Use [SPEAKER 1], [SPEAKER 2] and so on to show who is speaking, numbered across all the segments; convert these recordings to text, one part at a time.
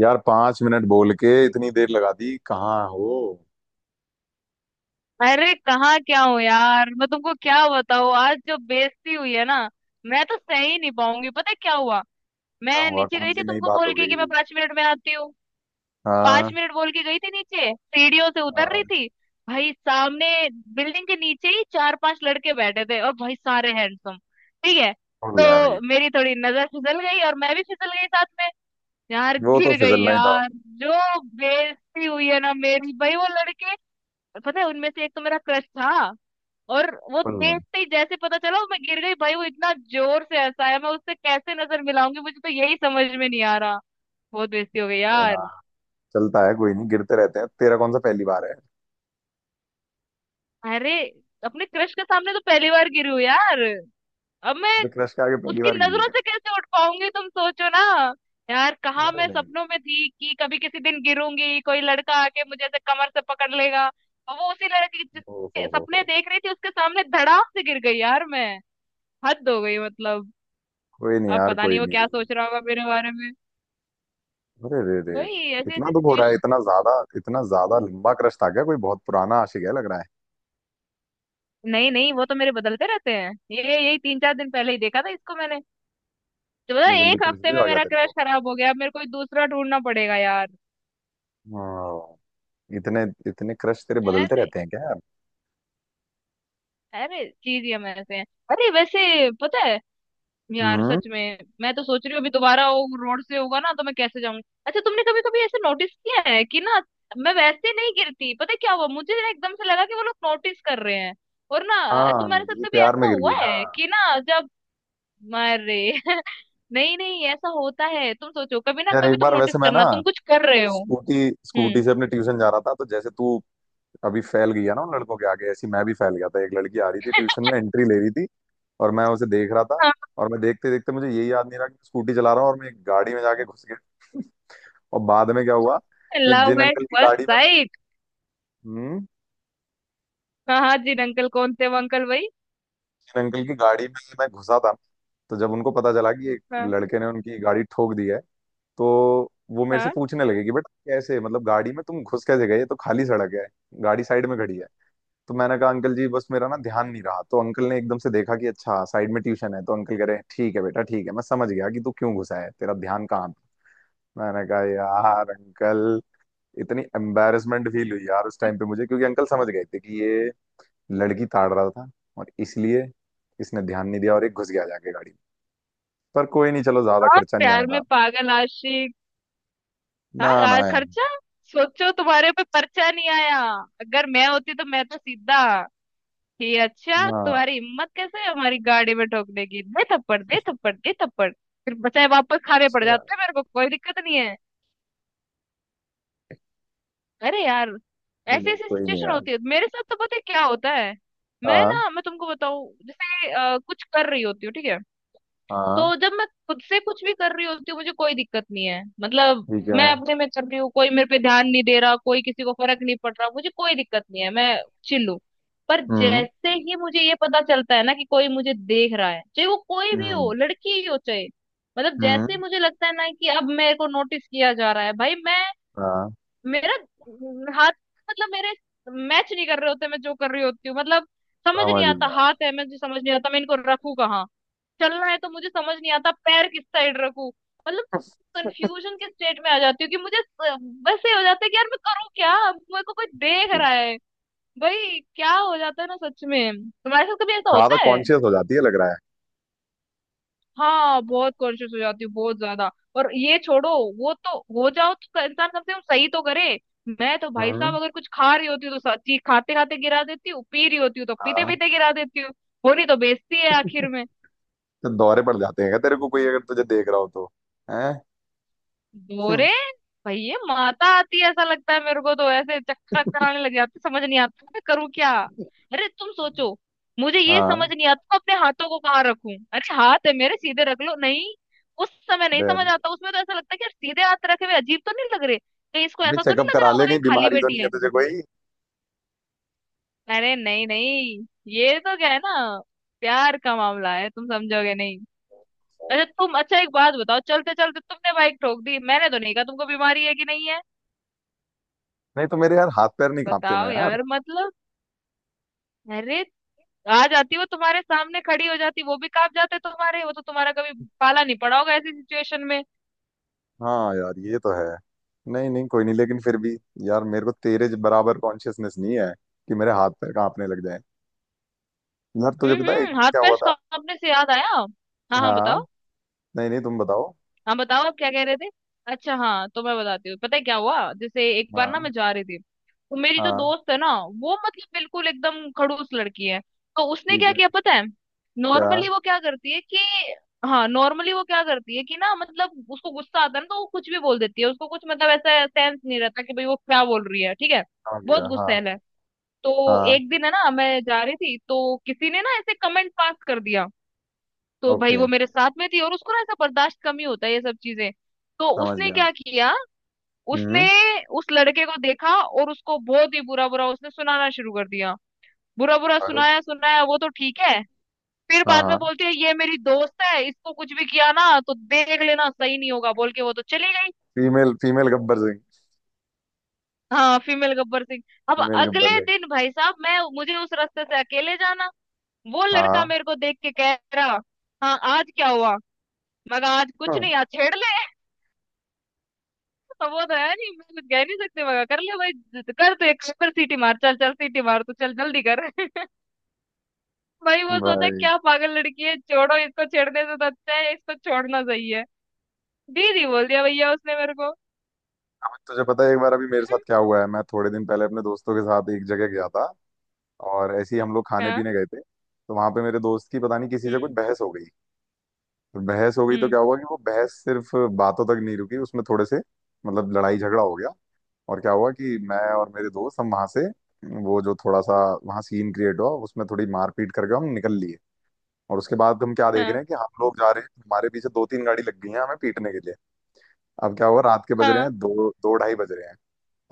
[SPEAKER 1] यार, 5 मिनट बोल के इतनी देर लगा दी, कहाँ हो?
[SPEAKER 2] अरे कहाँ क्या हो यार। मैं तुमको क्या बताऊँ, आज जो बेइज्जती हुई है ना, मैं तो सह ही नहीं पाऊंगी। पता है क्या हुआ,
[SPEAKER 1] क्या
[SPEAKER 2] मैं
[SPEAKER 1] हुआ?
[SPEAKER 2] नीचे
[SPEAKER 1] कौन
[SPEAKER 2] गई
[SPEAKER 1] सी
[SPEAKER 2] थी
[SPEAKER 1] नई
[SPEAKER 2] तुमको
[SPEAKER 1] बात
[SPEAKER 2] बोल
[SPEAKER 1] हो
[SPEAKER 2] के कि
[SPEAKER 1] गई?
[SPEAKER 2] मैं पांच मिनट में आती हूँ। पांच
[SPEAKER 1] हाँ।
[SPEAKER 2] मिनट बोल के गई थी, नीचे सीढ़ियों से उतर
[SPEAKER 1] हाँ।
[SPEAKER 2] रही थी भाई, सामने बिल्डिंग के नीचे ही चार पांच लड़के बैठे थे और भाई सारे हैंडसम। ठीक है,
[SPEAKER 1] फुल है भाई।
[SPEAKER 2] तो मेरी थोड़ी नजर फिसल गई और मैं भी फिसल गई साथ में। यार
[SPEAKER 1] वो तो
[SPEAKER 2] गिर गई
[SPEAKER 1] फिसलना ही था।
[SPEAKER 2] यार। जो बेइज्जती हुई है ना मेरी भाई, वो लड़के, पता है उनमें से एक तो मेरा क्रश था। और वो
[SPEAKER 1] फुल।
[SPEAKER 2] देखते ही जैसे पता चला मैं गिर गई, भाई वो इतना जोर से हंसाया, मैं उससे कैसे नजर मिलाऊंगी मुझे तो यही समझ में नहीं आ रहा। बहुत बेइज्जती हो गई यार।
[SPEAKER 1] हाँ, चलता है, कोई नहीं, गिरते रहते हैं, तेरा कौन सा पहली बार है।
[SPEAKER 2] अरे, अपने क्रश के सामने तो पहली बार गिरी हूँ यार। अब मैं
[SPEAKER 1] तो क्रश के आगे पहली
[SPEAKER 2] उसकी
[SPEAKER 1] बार गिरी है
[SPEAKER 2] नजरों
[SPEAKER 1] क्या?
[SPEAKER 2] से कैसे उठ पाऊंगी तुम सोचो ना। यार कहाँ
[SPEAKER 1] अरे
[SPEAKER 2] मैं
[SPEAKER 1] नहीं।
[SPEAKER 2] सपनों में थी कि कभी किसी दिन गिरूंगी कोई लड़का आके मुझे ऐसे कमर से पकड़ लेगा, और वो उसी लड़की के
[SPEAKER 1] ओ
[SPEAKER 2] जिसके
[SPEAKER 1] हो
[SPEAKER 2] सपने
[SPEAKER 1] हो।
[SPEAKER 2] देख रही थी उसके सामने धड़ाम से गिर गई यार मैं। हद हो गई मतलब।
[SPEAKER 1] कोई नहीं
[SPEAKER 2] अब
[SPEAKER 1] यार,
[SPEAKER 2] पता
[SPEAKER 1] कोई
[SPEAKER 2] नहीं वो
[SPEAKER 1] नहीं।
[SPEAKER 2] क्या सोच रहा होगा मेरे बारे में।
[SPEAKER 1] अरे रे रे।
[SPEAKER 2] वही ऐसी
[SPEAKER 1] इतना
[SPEAKER 2] ऐसी
[SPEAKER 1] दुख हो रहा है
[SPEAKER 2] सिचुएशन।
[SPEAKER 1] इतना ज्यादा? इतना ज्यादा लंबा क्रश था क्या? कोई बहुत पुराना आशिक है लग रहा है।
[SPEAKER 2] नहीं नहीं, वो तो मेरे बदलते रहते हैं, ये यही तीन चार दिन पहले ही देखा था इसको मैंने। तो पता
[SPEAKER 1] इतनी
[SPEAKER 2] है,
[SPEAKER 1] जल्दी
[SPEAKER 2] एक
[SPEAKER 1] क्रश
[SPEAKER 2] हफ्ते
[SPEAKER 1] भी
[SPEAKER 2] में
[SPEAKER 1] आ गया
[SPEAKER 2] मेरा
[SPEAKER 1] तेरे
[SPEAKER 2] क्रश
[SPEAKER 1] को।
[SPEAKER 2] खराब हो गया, अब मेरे को दूसरा ढूंढना पड़ेगा यार।
[SPEAKER 1] हाँ। इतने, इतने क्रश तेरे बदलते
[SPEAKER 2] अरे,
[SPEAKER 1] रहते हैं क्या यार?
[SPEAKER 2] अरे चीज ही हम ऐसे हैं। अरे वैसे पता है यार,
[SPEAKER 1] हम्म।
[SPEAKER 2] सच में मैं तो सोच रही हूँ अभी दोबारा वो रोड से होगा ना तो मैं कैसे जाऊंगी। अच्छा तुमने कभी कभी ऐसे नोटिस किया है कि ना, मैं वैसे नहीं गिरती, पता है क्या हुआ, मुझे ना एकदम से लगा कि वो लोग नोटिस कर रहे हैं। और ना
[SPEAKER 1] हाँ।
[SPEAKER 2] तुम्हारे
[SPEAKER 1] ये
[SPEAKER 2] साथ कभी
[SPEAKER 1] प्यार में
[SPEAKER 2] ऐसा
[SPEAKER 1] गिर
[SPEAKER 2] हुआ
[SPEAKER 1] गई ना।
[SPEAKER 2] है कि ना जब, अरे नहीं नहीं ऐसा होता है, तुम सोचो, कभी ना
[SPEAKER 1] यार
[SPEAKER 2] कभी
[SPEAKER 1] एक
[SPEAKER 2] तुम
[SPEAKER 1] बार वैसे
[SPEAKER 2] नोटिस
[SPEAKER 1] मैं ना
[SPEAKER 2] करना तुम कुछ कर रहे हो।
[SPEAKER 1] स्कूटी
[SPEAKER 2] हम्म।
[SPEAKER 1] स्कूटी से अपने ट्यूशन जा रहा था, तो जैसे तू अभी फैल गई है ना उन लड़कों के आगे, ऐसी मैं भी फैल गया था। एक लड़की आ रही थी, ट्यूशन में एंट्री ले रही थी, और मैं उसे देख रहा था।
[SPEAKER 2] हाँ,
[SPEAKER 1] और मैं देखते देखते मुझे ये याद नहीं रहा कि स्कूटी चला रहा हूँ, और मैं एक गाड़ी में जाके घुस गया। और बाद में क्या हुआ, कि जिन
[SPEAKER 2] लव एट
[SPEAKER 1] अंकल की
[SPEAKER 2] फर्स्ट
[SPEAKER 1] गाड़ी में,
[SPEAKER 2] साइट।
[SPEAKER 1] हम्म,
[SPEAKER 2] हाँ हाँ जी, अंकल कौन थे वो अंकल भाई।
[SPEAKER 1] इन अंकल की गाड़ी में मैं घुसा था, तो जब उनको पता चला कि एक
[SPEAKER 2] हाँ
[SPEAKER 1] लड़के ने उनकी गाड़ी ठोक दी है, तो वो मेरे से
[SPEAKER 2] हाँ,
[SPEAKER 1] पूछने लगे कि बेटा कैसे, मतलब गाड़ी में तुम घुस कैसे गए, ये तो खाली सड़क है, गाड़ी साइड में खड़ी है। तो मैंने कहा, अंकल जी बस मेरा ना ध्यान नहीं रहा। तो अंकल ने एकदम से देखा कि अच्छा साइड में ट्यूशन है, तो अंकल कह रहे हैं, ठीक है बेटा ठीक है, मैं समझ गया कि तू क्यों घुसा है, तेरा ध्यान कहाँ था। मैंने कहा यार अंकल, इतनी एम्बेरसमेंट फील हुई यार उस टाइम पे मुझे, क्योंकि अंकल समझ गए थे कि ये लड़की ताड़ रहा था, और इसलिए इसने ध्यान नहीं दिया और एक घुस गया जाके गाड़ी में। पर कोई नहीं, चलो ज्यादा
[SPEAKER 2] हाँ
[SPEAKER 1] खर्चा नहीं आया
[SPEAKER 2] प्यार में
[SPEAKER 1] था।
[SPEAKER 2] पागल आशिक। हाँ।
[SPEAKER 1] ना ना यार।
[SPEAKER 2] खर्चा सोचो तुम्हारे पे पर्चा नहीं आया। अगर मैं होती तो मैं तो सीधा, ये अच्छा
[SPEAKER 1] ना।
[SPEAKER 2] तुम्हारी हिम्मत कैसे है हमारी गाड़ी में ठोकने की, दे थप्पड़ दे थप्पड़ दे थप्पड़, फिर बचाए वापस खाने पड़
[SPEAKER 1] अच्छा,
[SPEAKER 2] जाते हैं मेरे को कोई दिक्कत नहीं है। अरे यार,
[SPEAKER 1] नहीं
[SPEAKER 2] ऐसे
[SPEAKER 1] नहीं,
[SPEAKER 2] ऐसे
[SPEAKER 1] कोई नहीं
[SPEAKER 2] सिचुएशन
[SPEAKER 1] यार।
[SPEAKER 2] होती है मेरे साथ तो, पता है क्या होता है, मैं
[SPEAKER 1] हाँ।
[SPEAKER 2] ना मैं तुमको बताऊं जैसे कुछ कर रही होती हूँ ठीक है,
[SPEAKER 1] हाँ।
[SPEAKER 2] तो जब मैं खुद से कुछ भी कर रही होती हूँ मुझे कोई दिक्कत नहीं है मतलब।
[SPEAKER 1] ठीक है।
[SPEAKER 2] मैं अपने में कर रही हूँ, कोई मेरे पे ध्यान नहीं दे रहा, कोई किसी को फर्क नहीं पड़ रहा, मुझे कोई दिक्कत नहीं है, मैं चिल्लू। पर
[SPEAKER 1] हम्म।
[SPEAKER 2] जैसे ही मुझे ये पता चलता है ना कि कोई मुझे देख रहा है, चाहे वो कोई भी हो
[SPEAKER 1] हम्म।
[SPEAKER 2] लड़की ही हो चाहे, मतलब जैसे
[SPEAKER 1] हम्म।
[SPEAKER 2] मुझे लगता है ना कि अब मेरे को नोटिस किया जा रहा है भाई, मैं
[SPEAKER 1] हाँ।
[SPEAKER 2] मेरा हाथ मतलब मेरे मैच नहीं कर रहे होते मैं जो कर रही होती हूँ मतलब। समझ नहीं
[SPEAKER 1] समझ
[SPEAKER 2] आता
[SPEAKER 1] गया।
[SPEAKER 2] हाथ है मुझे समझ नहीं आता मैं इनको रखूं कहाँ। चलना है तो मुझे समझ नहीं आता पैर किस साइड रखूं। मतलब कंफ्यूजन के स्टेट में आ जाती हूँ, कि मुझे बस ये हो जाता है कि यार मैं करूँ क्या, मेरे को कोई देख रहा है भाई। क्या हो जाता है ना सच में, तुम्हारे साथ कभी ऐसा
[SPEAKER 1] ज्यादा
[SPEAKER 2] होता है।
[SPEAKER 1] कॉन्शियस हो जाती है लग रहा है।
[SPEAKER 2] हाँ बहुत कॉन्शियस हो जाती हूँ, बहुत ज्यादा। और ये छोड़ो, वो तो हो जाओ तो इंसान कम से कम सही तो करे। मैं तो भाई
[SPEAKER 1] हम्म।
[SPEAKER 2] साहब अगर कुछ खा रही होती हूँ तो सच्ची खाते खाते गिरा देती हूँ, पी रही होती हूँ तो पीते
[SPEAKER 1] हाँ।
[SPEAKER 2] पीते गिरा देती हूँ। होनी तो बेइज्जती है आखिर में।
[SPEAKER 1] तो दौरे पड़ जाते हैं क्या तेरे को, कोई अगर तुझे देख रहा हो तो? हैं? हम्म,
[SPEAKER 2] बोरे, भैया माता आती है ऐसा लगता है मेरे को, तो ऐसे चक्कर कराने लग जाते समझ नहीं आता मैं करूँ क्या। अरे तुम सोचो, मुझे ये समझ
[SPEAKER 1] हाँ।
[SPEAKER 2] नहीं आता तो अपने हाथों को कहाँ रखूं, अरे हाथ है मेरे सीधे रख लो नहीं उस समय नहीं
[SPEAKER 1] अरे
[SPEAKER 2] समझ
[SPEAKER 1] अरे,
[SPEAKER 2] आता। उसमें तो ऐसा लगता है कि यार सीधे हाथ रखे हुए अजीब तो नहीं लग रहे, कहीं इसको
[SPEAKER 1] भाई
[SPEAKER 2] ऐसा तो नहीं
[SPEAKER 1] चेकअप
[SPEAKER 2] लग
[SPEAKER 1] करा
[SPEAKER 2] रहा
[SPEAKER 1] ले,
[SPEAKER 2] होगा ये
[SPEAKER 1] कहीं
[SPEAKER 2] खाली
[SPEAKER 1] बीमारी तो
[SPEAKER 2] बैठी
[SPEAKER 1] नहीं है
[SPEAKER 2] है।
[SPEAKER 1] तुझे?
[SPEAKER 2] अरे नहीं नहीं, ये तो क्या है ना, प्यार का मामला है तुम समझोगे नहीं।
[SPEAKER 1] कोई
[SPEAKER 2] अच्छा तुम, अच्छा एक बात बताओ, चलते चलते तुमने बाइक ठोक दी, मैंने तो नहीं कहा तुमको बीमारी है कि नहीं है।
[SPEAKER 1] नहीं तो मेरे यार हाथ पैर नहीं कांपते ना
[SPEAKER 2] बताओ
[SPEAKER 1] यार।
[SPEAKER 2] यार मतलब। अरे, आ जाती वो तुम्हारे सामने खड़ी हो जाती वो भी कांप जाते तुम्हारे, वो तो तुम्हारा कभी पाला नहीं पड़ा होगा ऐसी सिचुएशन में।
[SPEAKER 1] हाँ यार ये तो है। नहीं नहीं कोई नहीं, लेकिन फिर भी यार, मेरे को तेरे बराबर कॉन्शियसनेस नहीं है कि मेरे हाथ पैर कांपने लग जाए। यार तुझे पता है एक
[SPEAKER 2] हम्म,
[SPEAKER 1] बार
[SPEAKER 2] हाथ
[SPEAKER 1] क्या
[SPEAKER 2] पैर
[SPEAKER 1] हुआ था।
[SPEAKER 2] कांपने से याद आया। हाँ हाँ
[SPEAKER 1] हाँ।
[SPEAKER 2] बताओ।
[SPEAKER 1] नहीं नहीं तुम बताओ।
[SPEAKER 2] हाँ बताओ आप क्या कह रहे थे। अच्छा हाँ तो मैं बताती हूँ, पता है क्या हुआ, जैसे एक बार ना
[SPEAKER 1] हाँ।
[SPEAKER 2] मैं जा रही थी तो मेरी जो
[SPEAKER 1] हाँ।
[SPEAKER 2] दोस्त है ना, वो मतलब बिल्कुल एकदम खड़ूस लड़की है। तो उसने
[SPEAKER 1] ठीक
[SPEAKER 2] क्या
[SPEAKER 1] है।
[SPEAKER 2] किया पता है,
[SPEAKER 1] क्या?
[SPEAKER 2] नॉर्मली वो क्या करती है कि, हाँ नॉर्मली वो क्या करती है कि ना, मतलब उसको गुस्सा आता है ना तो वो कुछ भी बोल देती है, उसको कुछ मतलब ऐसा सेंस नहीं रहता कि भाई वो क्या बोल रही है ठीक है।
[SPEAKER 1] समझ
[SPEAKER 2] बहुत
[SPEAKER 1] गया। हाँ।
[SPEAKER 2] गुस्सैल है। तो
[SPEAKER 1] हाँ।
[SPEAKER 2] एक दिन है ना मैं जा रही थी, तो किसी ने ना ऐसे कमेंट पास कर दिया। तो भाई
[SPEAKER 1] ओके।
[SPEAKER 2] वो मेरे साथ में थी और उसको ना ऐसा बर्दाश्त कम ही होता है ये सब चीजें। तो
[SPEAKER 1] समझ
[SPEAKER 2] उसने
[SPEAKER 1] गया।
[SPEAKER 2] क्या किया, उसने
[SPEAKER 1] हम्म।
[SPEAKER 2] उस लड़के को देखा और उसको बहुत ही बुरा बुरा उसने सुनाना शुरू कर दिया। बुरा बुरा
[SPEAKER 1] अरे।
[SPEAKER 2] सुनाया सुनाया वो तो ठीक है, फिर
[SPEAKER 1] हाँ
[SPEAKER 2] बाद में
[SPEAKER 1] हाँ।
[SPEAKER 2] बोलती है ये मेरी दोस्त है इसको कुछ भी किया ना तो देख लेना सही नहीं होगा, बोल के वो तो चली गई।
[SPEAKER 1] Female female Gabbar Singh.
[SPEAKER 2] हाँ फीमेल गब्बर सिंह। अब
[SPEAKER 1] फीमेल गब्बर
[SPEAKER 2] अगले
[SPEAKER 1] सिंह।
[SPEAKER 2] दिन भाई साहब मैं, मुझे उस रास्ते से अकेले जाना, वो लड़का
[SPEAKER 1] हाँ,
[SPEAKER 2] मेरे को देख के कह रहा, हाँ आज क्या हुआ। मैं कहा आज कुछ
[SPEAKER 1] हाँ।
[SPEAKER 2] नहीं आज छेड़ ले, अब वो तो है नहीं मैं कुछ कह नहीं सकते मगर कर ले भाई। कर तो एक कर, सीटी मार चल चल सीटी मार तू चल जल्दी कर भाई वो सोचा
[SPEAKER 1] भाई।
[SPEAKER 2] क्या पागल लड़की है, छोड़ो इसको छेड़ने से तो अच्छा है इसको छोड़ना सही है। दीदी बोल दिया भैया उसने मेरे को।
[SPEAKER 1] अब तुझे पता है एक बार अभी मेरे साथ क्या हुआ है, मैं थोड़े दिन पहले अपने दोस्तों के साथ एक जगह गया था, और ऐसे ही हम लोग खाने
[SPEAKER 2] हाँ।
[SPEAKER 1] पीने गए थे। तो वहां पे मेरे दोस्त की पता नहीं किसी से कुछ
[SPEAKER 2] हम्म
[SPEAKER 1] बहस हो गई। तो बहस हो गई तो
[SPEAKER 2] हम्म।
[SPEAKER 1] क्या हुआ कि वो बहस सिर्फ बातों तक नहीं रुकी, उसमें थोड़े से, मतलब लड़ाई झगड़ा हो गया। और क्या हुआ कि मैं और मेरे दोस्त हम वहां से, वो जो थोड़ा सा वहां सीन क्रिएट हुआ उसमें, थोड़ी मारपीट करके हम निकल लिए। और उसके बाद हम क्या देख
[SPEAKER 2] हाँ
[SPEAKER 1] रहे हैं कि हम लोग जा रहे हैं, हमारे पीछे 2-3 गाड़ी लग गई है हमें पीटने के लिए। अब क्या हुआ, रात के बज रहे
[SPEAKER 2] हाँ।
[SPEAKER 1] हैं, दो, दो ढाई बज रहे हैं।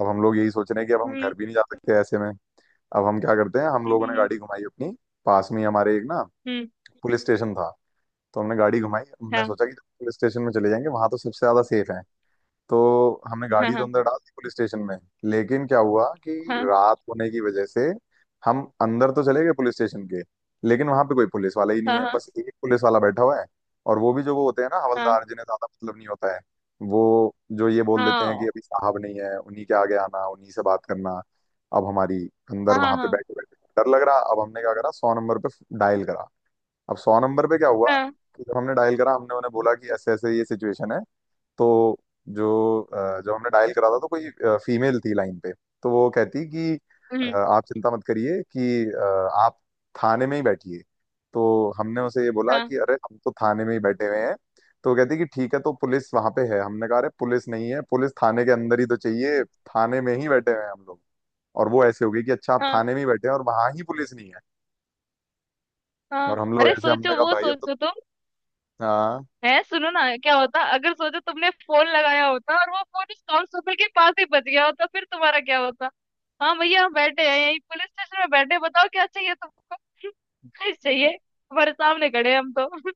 [SPEAKER 1] अब हम लोग यही सोच रहे हैं कि अब हम
[SPEAKER 2] हम्म
[SPEAKER 1] घर भी नहीं जा सकते ऐसे में। अब हम क्या करते हैं, हम
[SPEAKER 2] हम्म।
[SPEAKER 1] लोगों ने गाड़ी घुमाई अपनी, पास में ही हमारे एक ना
[SPEAKER 2] हम्म,
[SPEAKER 1] पुलिस स्टेशन था। तो हमने गाड़ी घुमाई, हमने
[SPEAKER 2] हाँ
[SPEAKER 1] सोचा कि पुलिस स्टेशन में चले जाएंगे, वहां तो सबसे ज्यादा सेफ है। तो हमने
[SPEAKER 2] हाँ
[SPEAKER 1] गाड़ी तो
[SPEAKER 2] हाँ
[SPEAKER 1] अंदर डाल दी पुलिस स्टेशन में। लेकिन क्या हुआ कि
[SPEAKER 2] हाँ
[SPEAKER 1] रात होने की वजह से, हम अंदर तो चले गए पुलिस स्टेशन के, लेकिन वहां पे कोई पुलिस वाला ही नहीं है,
[SPEAKER 2] हाँ
[SPEAKER 1] बस एक पुलिस वाला बैठा हुआ है। और वो भी जो वो होते हैं ना
[SPEAKER 2] हाँ
[SPEAKER 1] हवलदार, जिन्हें ज्यादा मतलब नहीं होता है, वो जो ये बोल देते हैं कि
[SPEAKER 2] हाँ
[SPEAKER 1] अभी साहब नहीं है, उन्हीं के आगे आना उन्हीं से बात करना। अब हमारी अंदर
[SPEAKER 2] हाँ हाँ हाँ,
[SPEAKER 1] वहां पे
[SPEAKER 2] हाँ,
[SPEAKER 1] बैठे बैठे डर लग रहा। अब हमने क्या करा, 100 नंबर पे डायल करा। अब 100 नंबर पे क्या हुआ
[SPEAKER 2] हाँ,
[SPEAKER 1] कि जब हमने डायल करा, हमने उन्हें बोला कि ऐसे ऐसे ये सिचुएशन है। तो जो जब हमने डायल करा था तो कोई फीमेल थी लाइन पे। तो वो कहती कि
[SPEAKER 2] हम्म,
[SPEAKER 1] आप चिंता मत करिए कि, आप थाने में ही बैठिए। तो हमने उसे ये बोला
[SPEAKER 2] हाँ
[SPEAKER 1] कि अरे हम तो थाने में ही बैठे हुए हैं। तो वो कहती कि ठीक है तो पुलिस वहां पे है? हमने कहा, अरे पुलिस नहीं है, पुलिस थाने के अंदर ही तो चाहिए, थाने में ही बैठे हुए हैं हम लोग। और वो ऐसे हो गई कि अच्छा आप
[SPEAKER 2] हाँ
[SPEAKER 1] थाने में ही बैठे हैं और वहां ही पुलिस नहीं है। और
[SPEAKER 2] हाँ।
[SPEAKER 1] हम लोग
[SPEAKER 2] अरे
[SPEAKER 1] ऐसे, हमने
[SPEAKER 2] सोचो,
[SPEAKER 1] कहा
[SPEAKER 2] वो
[SPEAKER 1] भाई अब तो,
[SPEAKER 2] सोचो तुम,
[SPEAKER 1] हाँ।
[SPEAKER 2] है सुनो ना, क्या होता अगर सोचो तुमने फोन लगाया होता और वो फोन उस कांस्टेबल के पास ही बच गया होता फिर तुम्हारा क्या होता। हाँ भैया हम बैठे हैं यहीं पुलिस स्टेशन में बैठे हैं, बताओ क्या चाहिए तुमको कुछ चाहिए, हमारे सामने खड़े हैं हम तो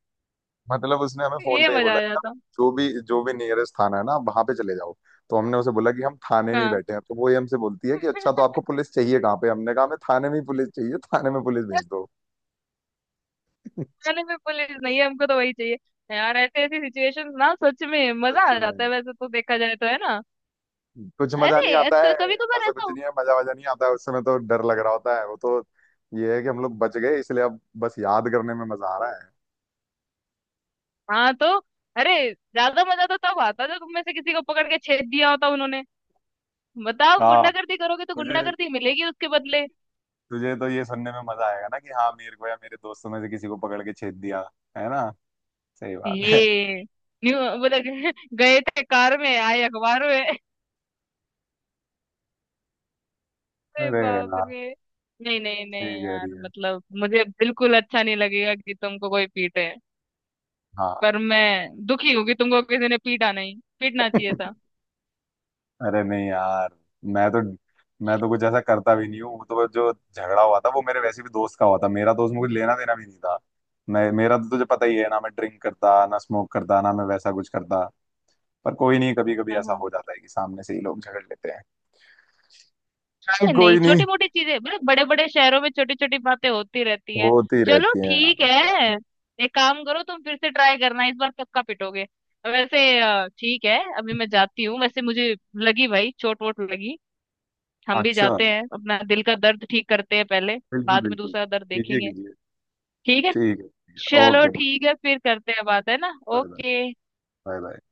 [SPEAKER 1] मतलब उसने हमें फोन
[SPEAKER 2] ये
[SPEAKER 1] पे ही
[SPEAKER 2] मजा
[SPEAKER 1] बोला
[SPEAKER 2] आ
[SPEAKER 1] कि आप
[SPEAKER 2] जाता।
[SPEAKER 1] जो भी नियरेस्ट थाना है ना आप वहां पे चले जाओ। तो हमने उसे बोला कि हम थाने में ही
[SPEAKER 2] हाँ
[SPEAKER 1] बैठे हैं। तो वो ये हमसे बोलती है कि अच्छा तो आपको पुलिस चाहिए कहाँ पे? हमने कहा, हमें थाने में ही पुलिस चाहिए, थाने में पुलिस भेज दो।
[SPEAKER 2] थाने में पुलिस नहीं है हमको तो वही चाहिए। यार ऐसे ऐसी सिचुएशंस ना सच में मजा
[SPEAKER 1] सच
[SPEAKER 2] आ जाता
[SPEAKER 1] में
[SPEAKER 2] है वैसे तो देखा जाए तो है ना।
[SPEAKER 1] कुछ मजा नहीं
[SPEAKER 2] अरे
[SPEAKER 1] आता है।
[SPEAKER 2] कभी कभार
[SPEAKER 1] ऐसा
[SPEAKER 2] ऐसा
[SPEAKER 1] कुछ
[SPEAKER 2] हो।
[SPEAKER 1] नहीं है, मजा वजा नहीं आता है, उस समय तो डर लग रहा होता है वो तो। ये है कि हम लोग बच गए इसलिए अब बस याद करने में मजा आ रहा है।
[SPEAKER 2] हाँ तो, अरे ज्यादा मजा तो तब आता जब तुम में से किसी को पकड़ के छेद दिया होता उन्होंने। बताओ,
[SPEAKER 1] हाँ।
[SPEAKER 2] गुंडागर्दी करोगे तो
[SPEAKER 1] तुझे,
[SPEAKER 2] गुंडागर्दी मिलेगी उसके बदले।
[SPEAKER 1] तुझे तो ये सुनने में मजा आएगा ना कि हाँ मेरे को या मेरे दोस्तों में से किसी को पकड़ के छेद दिया है ना? सही बात है।
[SPEAKER 2] ये न्यू मतलब गए थे कार में आए अखबार में। अरे
[SPEAKER 1] अरे
[SPEAKER 2] बाप
[SPEAKER 1] यार।
[SPEAKER 2] रे। नहीं नहीं
[SPEAKER 1] ठीक
[SPEAKER 2] नहीं
[SPEAKER 1] है ठीक
[SPEAKER 2] यार,
[SPEAKER 1] है।
[SPEAKER 2] मतलब मुझे बिल्कुल अच्छा नहीं लगेगा कि तुमको कोई पीटे,
[SPEAKER 1] हाँ।
[SPEAKER 2] पर मैं दुखी हूँ कि तुमको किसी ने पीटा नहीं, पीटना चाहिए था।
[SPEAKER 1] अरे नहीं यार। मैं तो, मैं तो कुछ ऐसा करता भी नहीं हूँ, वो तो जो झगड़ा हुआ था वो मेरे वैसे भी दोस्त का हुआ था, मेरा दोस्त, मुझे लेना देना भी नहीं था। मैं, मेरा तो तुझे पता ही है ना, मैं ड्रिंक करता ना, स्मोक करता ना, मैं वैसा कुछ करता। पर कोई नहीं, कभी कभी
[SPEAKER 2] हाँ
[SPEAKER 1] ऐसा
[SPEAKER 2] हाँ।
[SPEAKER 1] हो जाता है कि सामने से ही लोग झगड़ लेते हैं। चल
[SPEAKER 2] नहीं
[SPEAKER 1] कोई नहीं।
[SPEAKER 2] छोटी मोटी चीजें, मतलब बड़े बड़े शहरों में छोटी छोटी बातें होती रहती है।
[SPEAKER 1] होती
[SPEAKER 2] चलो
[SPEAKER 1] रहती है यार
[SPEAKER 2] ठीक
[SPEAKER 1] और क्या।
[SPEAKER 2] है, एक काम करो तुम फिर से ट्राई करना इस बार पक्का पिटोगे। वैसे ठीक है अभी मैं जाती हूँ, वैसे मुझे लगी भाई चोट वोट लगी। हम भी
[SPEAKER 1] अच्छा।
[SPEAKER 2] जाते हैं अपना दिल का दर्द ठीक करते हैं पहले,
[SPEAKER 1] बिल्कुल
[SPEAKER 2] बाद में
[SPEAKER 1] बिल्कुल
[SPEAKER 2] दूसरा दर्द
[SPEAKER 1] कीजिए
[SPEAKER 2] देखेंगे।
[SPEAKER 1] कीजिए।
[SPEAKER 2] ठीक है,
[SPEAKER 1] ठीक है ठीक है,
[SPEAKER 2] चलो
[SPEAKER 1] ओके।
[SPEAKER 2] ठीक है फिर करते हैं बात है ना।
[SPEAKER 1] Bye bye.
[SPEAKER 2] Okay.
[SPEAKER 1] Bye bye.